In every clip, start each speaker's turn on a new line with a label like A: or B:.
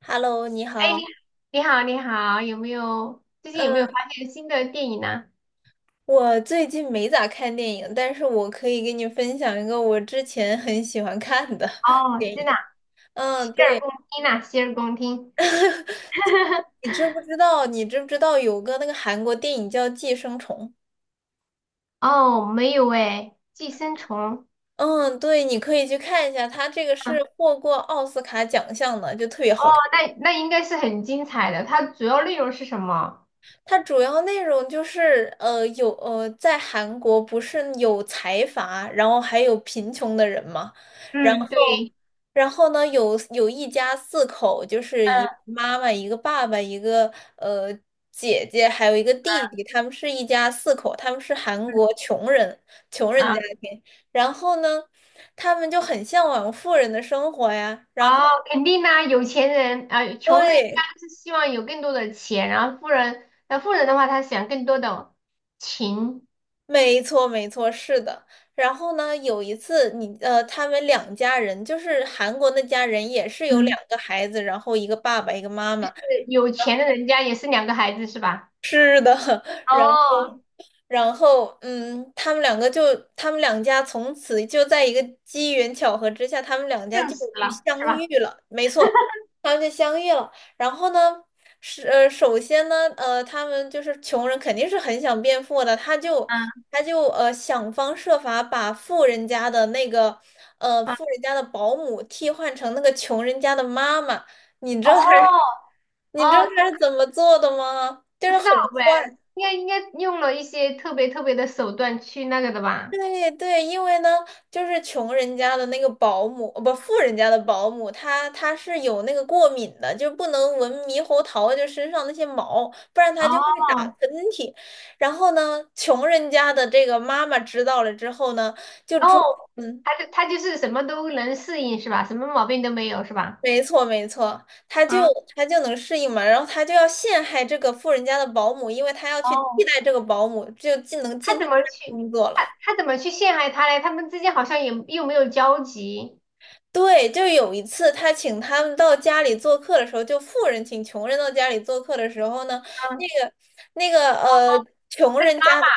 A: Hello，你
B: 哎，
A: 好。
B: 你好，你好，有没
A: 嗯，
B: 有发现新的电影呢？
A: 我最近没咋看电影，但是我可以给你分享一个我之前很喜欢看的
B: 哦，
A: 电
B: 真的
A: 影。
B: 啊。
A: 嗯，
B: 洗耳
A: 对，
B: 恭听呐、洗耳恭听。
A: 你知不知道？你知不知道有个那个韩国电影叫《寄生虫》？
B: 哦，没有哎，《寄生虫》
A: 嗯，对，你可以去看一下，它这个是
B: 啊。
A: 获过奥斯卡奖项的，就特别
B: 哦，
A: 好看。
B: 那那应该是很精彩的。它主要内容是什么？
A: 它主要内容就是，在韩国不是有财阀，然后还有贫穷的人嘛，然
B: 嗯，
A: 后，
B: 对。
A: 然后呢，有一家四口，就是一个
B: 嗯
A: 妈妈、一个爸爸、一个呃姐姐，还有一个弟弟，他们是一家四口，他们是韩
B: 嗯。
A: 国穷人，穷人
B: 啊，
A: 家庭，然后呢，他们就很向往富人的生活呀。然后，
B: 哦，肯定呐、有钱人啊、穷人一般
A: 对，
B: 都是希望有更多的钱，然后富人，那富人的话，他想更多的情。
A: 没错，没错，是的。然后呢，有一次他们两家人，就是韩国那家人，也是有两
B: 嗯，
A: 个孩子，然后一个爸爸，一个妈妈。
B: 有钱的人家也是两个孩子是吧？
A: 是的，然。
B: 哦，
A: 然后，他们两家从此就在一个机缘巧合之下，他们两家
B: 更
A: 就
B: 死了是
A: 相遇
B: 吧？
A: 了。没错，他们就相遇了。然后呢，是首先呢，他们就是穷人，肯定是很想变富的，他就
B: 嗯
A: 他就呃想方设法把
B: 嗯。
A: 富人家的保姆替换成那个穷人家的妈妈。你知道他是，
B: 哦
A: 你知道
B: 哦，
A: 他是怎么做的吗？就
B: 不
A: 是
B: 知
A: 很
B: 道喂，
A: 坏。
B: 应该应该用了一些特别特别的手段去那个的吧？
A: 对对，因为呢，就是穷人家的那个保姆，不，富人家的保姆，她是有那个过敏的，就不能闻猕猴桃，就身上那些毛，不然她
B: 哦
A: 就会打喷嚏。然后呢，穷人家的这个妈妈知道了之后呢，就装，
B: 哦，
A: 嗯，
B: 他就是什么都能适应是吧？什么毛病都没有是吧？
A: 没错，没错，她就
B: 嗯，
A: 她就能适应嘛，然后她就要陷害这个富人家的保姆，因为她要去替
B: 哦，
A: 代这个保姆，就进能
B: 他
A: 进她
B: 怎
A: 家
B: 么去
A: 工作
B: 他
A: 了。
B: 他怎么去陷害他嘞？他们之间好像也又没有交集。
A: 对，就有一次他请他们到家里做客的时候，就富人请穷人到家里做客的时候呢，那
B: 嗯，
A: 个那个，穷
B: 那个
A: 人
B: 妈
A: 家
B: 妈
A: 的，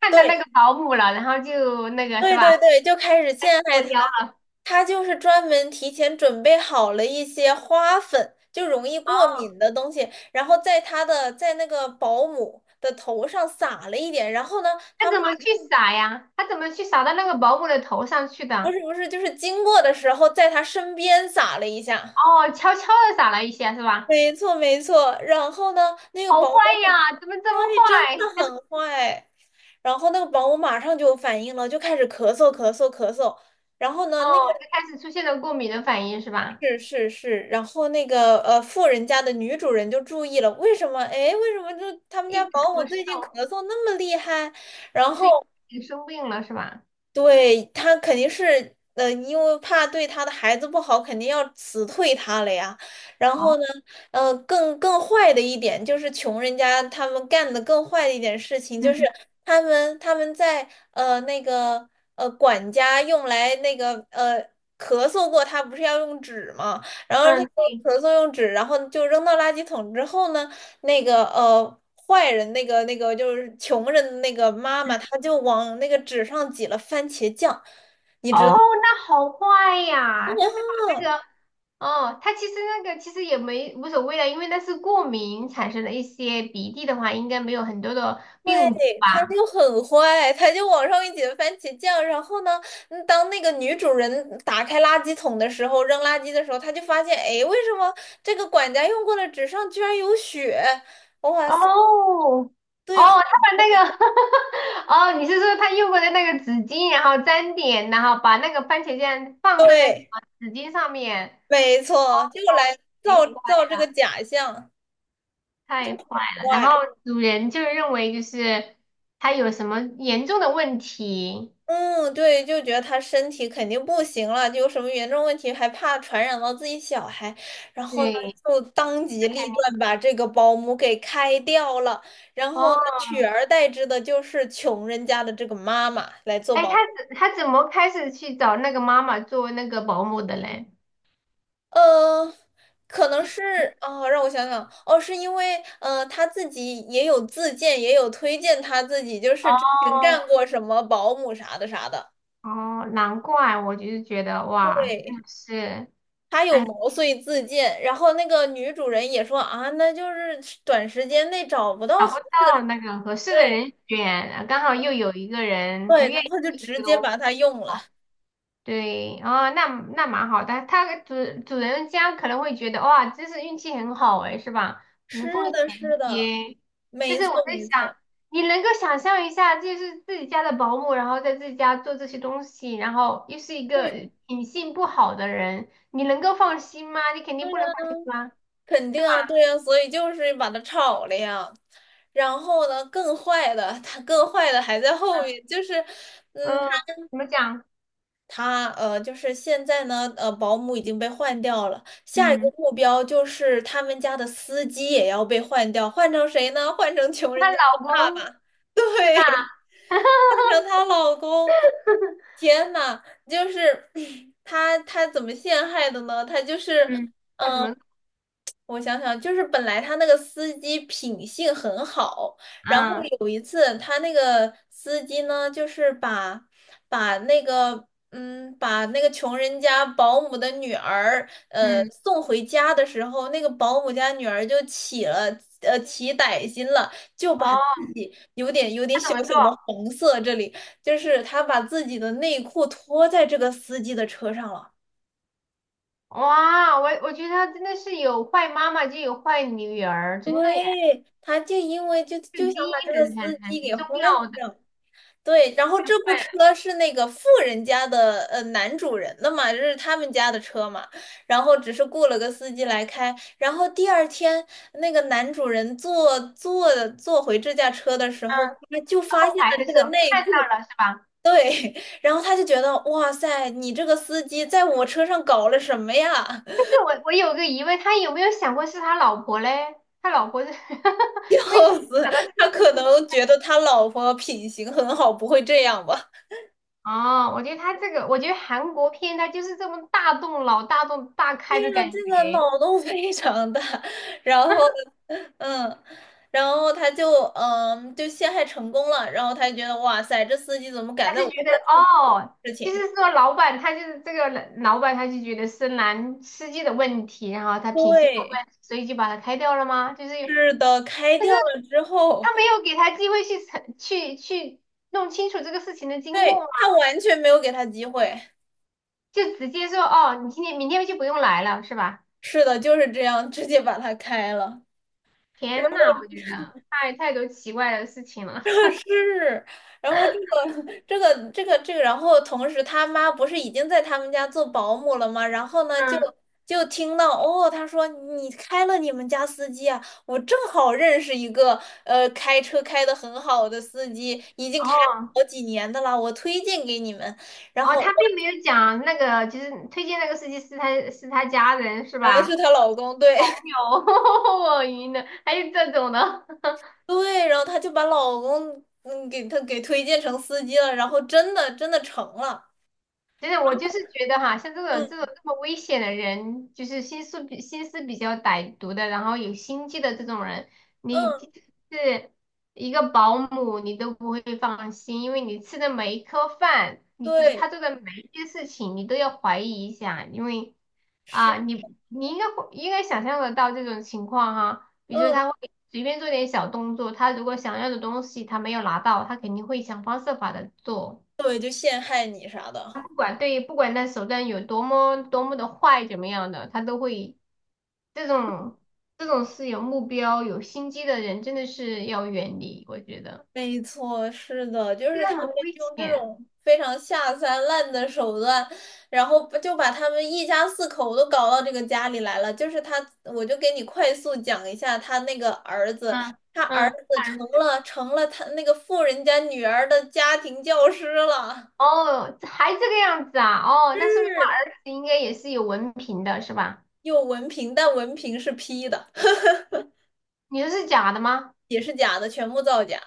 B: 看到那
A: 对
B: 个保姆了，然后就那个是
A: 对对，
B: 吧？
A: 对，就开始陷
B: 作
A: 害
B: 妖
A: 他。
B: 了。
A: 他就是专门提前准备好了一些花粉，就容易过
B: 哦，
A: 敏的东西，然后在他的在那个保姆的头上撒了一点，然后呢，
B: 他
A: 他马
B: 怎么去撒呀？他怎么去撒到那个保姆的头上去
A: 不
B: 的？
A: 是不是就是经过的时候在他身边撒了一下。
B: 哦，悄悄的撒了一下是吧？
A: 没错，没错。然后呢，那个
B: 好坏
A: 保
B: 呀，怎么这么
A: 对，真的
B: 坏？
A: 很坏。然后那个保姆马上就有反应了，就开始咳嗽咳嗽咳嗽。然后呢，
B: 哦，就开始出现了过敏的反应是吧？
A: 是是是，然后那个富人家的女主人就注意了，为什么？哎，为什么就他们家
B: 一直
A: 保姆
B: 咳
A: 最近咳
B: 嗽，
A: 嗽那么厉害？然
B: 就是已
A: 后，
B: 经生病了是吧？
A: 对，他肯定是，因为怕对他的孩子不好，肯定要辞退他了呀。然后
B: 哦，
A: 呢，更坏的一点就是穷人家他们干的更坏的一点事情，就是
B: 嗯
A: 他们在那个管家用来那个咳嗽过，他不是要用纸嘛，然后他
B: 嗯，
A: 说
B: 对。
A: 咳嗽用纸，然后就扔到垃圾桶之后呢。那个呃坏人那个就是穷人的那个妈
B: 嗯，
A: 妈，她就往那个纸上挤了番茄酱，你
B: 哦，
A: 知
B: 那好坏呀！他是把
A: 道
B: 那
A: 吗？
B: 个，哦，他其实那个其实也没无所谓的，因为那是过敏产生的一些鼻涕的话，应该没有很多的病毒
A: 对，她
B: 吧？
A: 就很坏，她就往上面挤了番茄酱。然后呢，当那个女主人打开垃圾桶的时候，扔垃圾的时候，她就发现，哎，为什么这个管家用过的纸上居然有血？哇
B: 哦
A: 塞，
B: 哦，
A: 对
B: 他把那个 哦，你是说他用过的那个纸巾，然后沾点，然后把那个番茄酱放在那个
A: 对，
B: 纸巾上面？
A: 没错，就
B: 哦，
A: 来
B: 太
A: 造
B: 坏
A: 造这个
B: 了，
A: 假象，
B: 太坏了！然后
A: 坏。
B: 主人就认为就是他有什么严重的问题，
A: 嗯，对，就觉得他身体肯定不行了，就有什么严重问题，还怕传染到自己小孩，然后呢，
B: 对，
A: 就当机立断把这个保姆给开掉了，然
B: 哦，
A: 后呢，取而代之的就是穷人家的这个妈妈来做
B: 哎，
A: 保
B: 他
A: 姆。
B: 怎他怎么开始去找那个妈妈做那个保姆的嘞？
A: 呃，可能
B: 就是
A: 是哦，让我想想，哦，是因为他自己也有自荐，也有推荐他自己，就是之前干
B: 哦
A: 过什么保姆啥的啥的，
B: 哦，难怪我就是觉得哇，真
A: 对。
B: 的是。
A: 他有
B: 哎，
A: 毛遂自荐，然后那个女主人也说啊，那就是短时间内找不到
B: 找不到那个合适的
A: 对
B: 人选，刚好又有一个人他
A: 对，
B: 愿
A: 然
B: 意
A: 后就
B: 做这
A: 直
B: 个
A: 接
B: 东
A: 把它用了。
B: 作，对，哦，那那蛮好的。他主人家可能会觉得哇，真是运气很好哎，是吧？无缝
A: 是的，
B: 衔
A: 是的，
B: 接。但
A: 没
B: 是
A: 错，
B: 我在
A: 没
B: 想，
A: 错，
B: 你能够想象一下，就是自己家的保姆，然后在自己家做这些东西，然后又是一
A: 嗯，
B: 个品性不好的人，你能够放心吗？你肯定不能放心吧，
A: 肯
B: 是
A: 定
B: 吧？
A: 啊，对啊，所以就是把它炒了呀。然后呢，更坏的，它更坏的还在后面，就是，嗯，
B: 嗯，怎么讲？
A: 他就是现在呢，保姆已经被换掉了，下一个
B: 嗯，
A: 目标就是他们家的司机也要被换掉，换成谁呢？换成穷人
B: 她
A: 家的
B: 老
A: 爸
B: 公。
A: 爸，
B: 是吧？
A: 对，换成她 老公。天呐，就是 他怎么陷害的呢？他就是。
B: 嗯，他怎
A: 嗯。
B: 么？
A: 我想想，就是本来他那个司机品性很好，然后
B: 嗯，
A: 有一次他那个司机呢，就是把把那个穷人家保姆的女儿
B: 嗯，
A: 送回家的时候，那个保姆家女儿就起歹心了，就把
B: 哦，
A: 自己有点小小
B: 对，
A: 的红色这里，就是他把自己的内裤脱在这个司机的车上了。
B: 哇，我觉得他真的是有坏妈妈就有坏女儿，
A: 对，
B: 真的耶，
A: 他就因为就
B: 这
A: 就
B: 个
A: 想
B: 基因
A: 把这个
B: 很很
A: 司
B: 很
A: 机给
B: 很重
A: 换
B: 要的，
A: 掉，对，然后
B: 太
A: 这部
B: 坏
A: 车
B: 了。
A: 是那个富人家的男主人的嘛，这是他们家的车嘛，然后只是雇了个司机来开，然后第二天那个男主人坐回这架车的时
B: 嗯，
A: 候，他就发
B: 后
A: 现
B: 排
A: 了
B: 的
A: 这
B: 时
A: 个
B: 候
A: 内
B: 看
A: 裤，
B: 到了是吧？
A: 对，然后他就觉得哇塞，你这个司机在我车上搞了什么呀？
B: 但是我有个疑问，他有没有想过是他老婆嘞？他老婆是 为什
A: 笑
B: 么
A: 死，
B: 想到
A: 他可
B: 是？
A: 能觉得他老婆品行很好，不会这样吧？
B: 哦，我觉得他这个，我觉得韩国片他就是这么大动脑、大动大开
A: 对
B: 的
A: 呀，
B: 感
A: 这个
B: 觉。
A: 脑洞非常大。然后，嗯，然后他就陷害成功了。然后他就觉得哇塞，这司机怎么
B: 他
A: 敢在
B: 就
A: 我车
B: 觉得
A: 上做
B: 哦，
A: 事
B: 就
A: 情？
B: 是说老板他就是这个老板就觉得是男司机的问题，然后他品行有
A: 对，
B: 问题，所以就把他开掉了吗？就是有，
A: 是的，开
B: 但是
A: 掉了之后，
B: 他没有给他机会去澄去去弄清楚这个事情的经过
A: 对，
B: 吗？
A: 他完全没有给他机会。
B: 就直接说哦，你今天明天就不用来了，是吧？
A: 是的，就是这样，直接把他开了。然
B: 天呐，
A: 后。
B: 我太多奇怪的事情 了。
A: 是，然后然后同时他妈不是已经在他们家做保姆了吗？然后呢，就
B: 嗯，
A: 就听到哦，他说你开了你们家司机啊，我正好认识一个开车开的很好的司机，已经开了
B: 哦
A: 好几年的啦，我推荐给你们。然
B: 哦，
A: 后
B: 他
A: 哇，
B: 并没有讲那个，就是推荐那个司机是他家人是
A: 原来是
B: 吧？
A: 她老公，对
B: 朋友，我晕了，还有这种的。
A: 对，然后她就把老公给她给推荐成司机了，然后真的成了，
B: 真的，我就是觉得哈，像这种
A: 嗯
B: 这种这么危险的人，就是心思比较歹毒的，然后有心机的这种人，你就
A: 嗯，
B: 是一个保姆，你都不会放心，因为你吃的每一颗饭，你做
A: 对，
B: 他做的每一件事情，你都要怀疑一下，因为啊，
A: 是。
B: 你应该会应该想象得到这种情况哈，比如说
A: 嗯。
B: 他会随便做点小动作，他如果想要的东西他没有拿到，他肯定会想方设法的做。
A: 对，就陷害你啥的。
B: 他不管对，不管那手段有多么多么的坏，怎么样的，他都会这种这种是有目标、有心机的人，真的是要远离。我觉得
A: 没错，是的，就
B: 这
A: 是
B: 个
A: 他们
B: 很危
A: 用这
B: 险。
A: 种非常下三滥的手段，然后不就把他们一家四口都搞到这个家里来了。就是他，我就给你快速讲一下他那个儿子，
B: 嗯
A: 他儿
B: 嗯，
A: 子
B: 他儿
A: 成
B: 子
A: 了成了他那个富人家女儿的家庭教师了，
B: 哦，还这个样子啊？哦，那说明他
A: 是，
B: 儿子应该也是有文凭的，是吧？
A: 有文凭，但文凭是批的，
B: 你说是假的吗？
A: 也是假的，全部造假。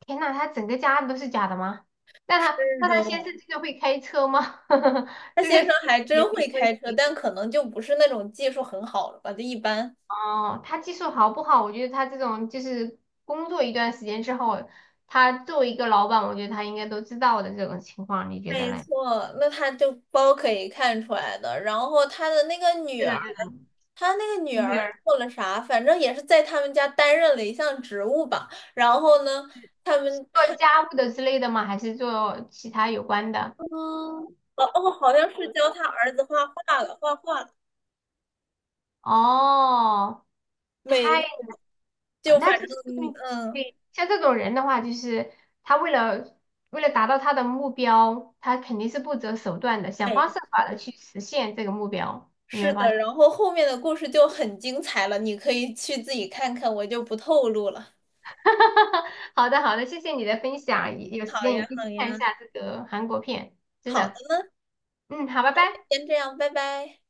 B: 天呐，他整个家都是假的吗？那
A: 是
B: 他那他先
A: 的。
B: 生这个会开车吗？
A: 他
B: 这
A: 先
B: 个
A: 生
B: 是
A: 还
B: 严
A: 真
B: 重
A: 会
B: 问
A: 开车，
B: 题。
A: 但可能就不是那种技术很好了吧，就一般。
B: 哦，他技术好不好？我觉得他这种就是工作一段时间之后，他作为一个老板，我觉得他应该都知道的这种情况，你觉得
A: 没
B: 嘞？
A: 错，那他就包可以看出来的。然后他的那个女
B: 是的，
A: 儿，
B: 是的。
A: 他那个女儿
B: 女儿
A: 做了啥？反正也是在他们家担任了一项职务吧。然后呢，他们
B: 做家务的之类的吗？还是做其他有关的？
A: 嗯，哦哦，好像是教他儿子画画了，画画了。
B: 哦，太，
A: 每就反
B: 那就是
A: 正
B: 说明
A: 嗯，
B: 对，像这种人的话，就是他为了达到他的目标，他肯定是不择手段的，想方设法的去实现这个目标，有没
A: 是
B: 有发
A: 的。
B: 现？
A: 然后后面的故事就很精彩了，你可以去自己看看，我就不透露了。
B: 好的，好的，谢谢你的分享，有时
A: 好
B: 间一
A: 呀，
B: 定
A: 好
B: 去看一
A: 呀。
B: 下这个韩国片，真
A: 好
B: 的。
A: 的，
B: 嗯，好，拜拜。
A: 先这样，拜拜。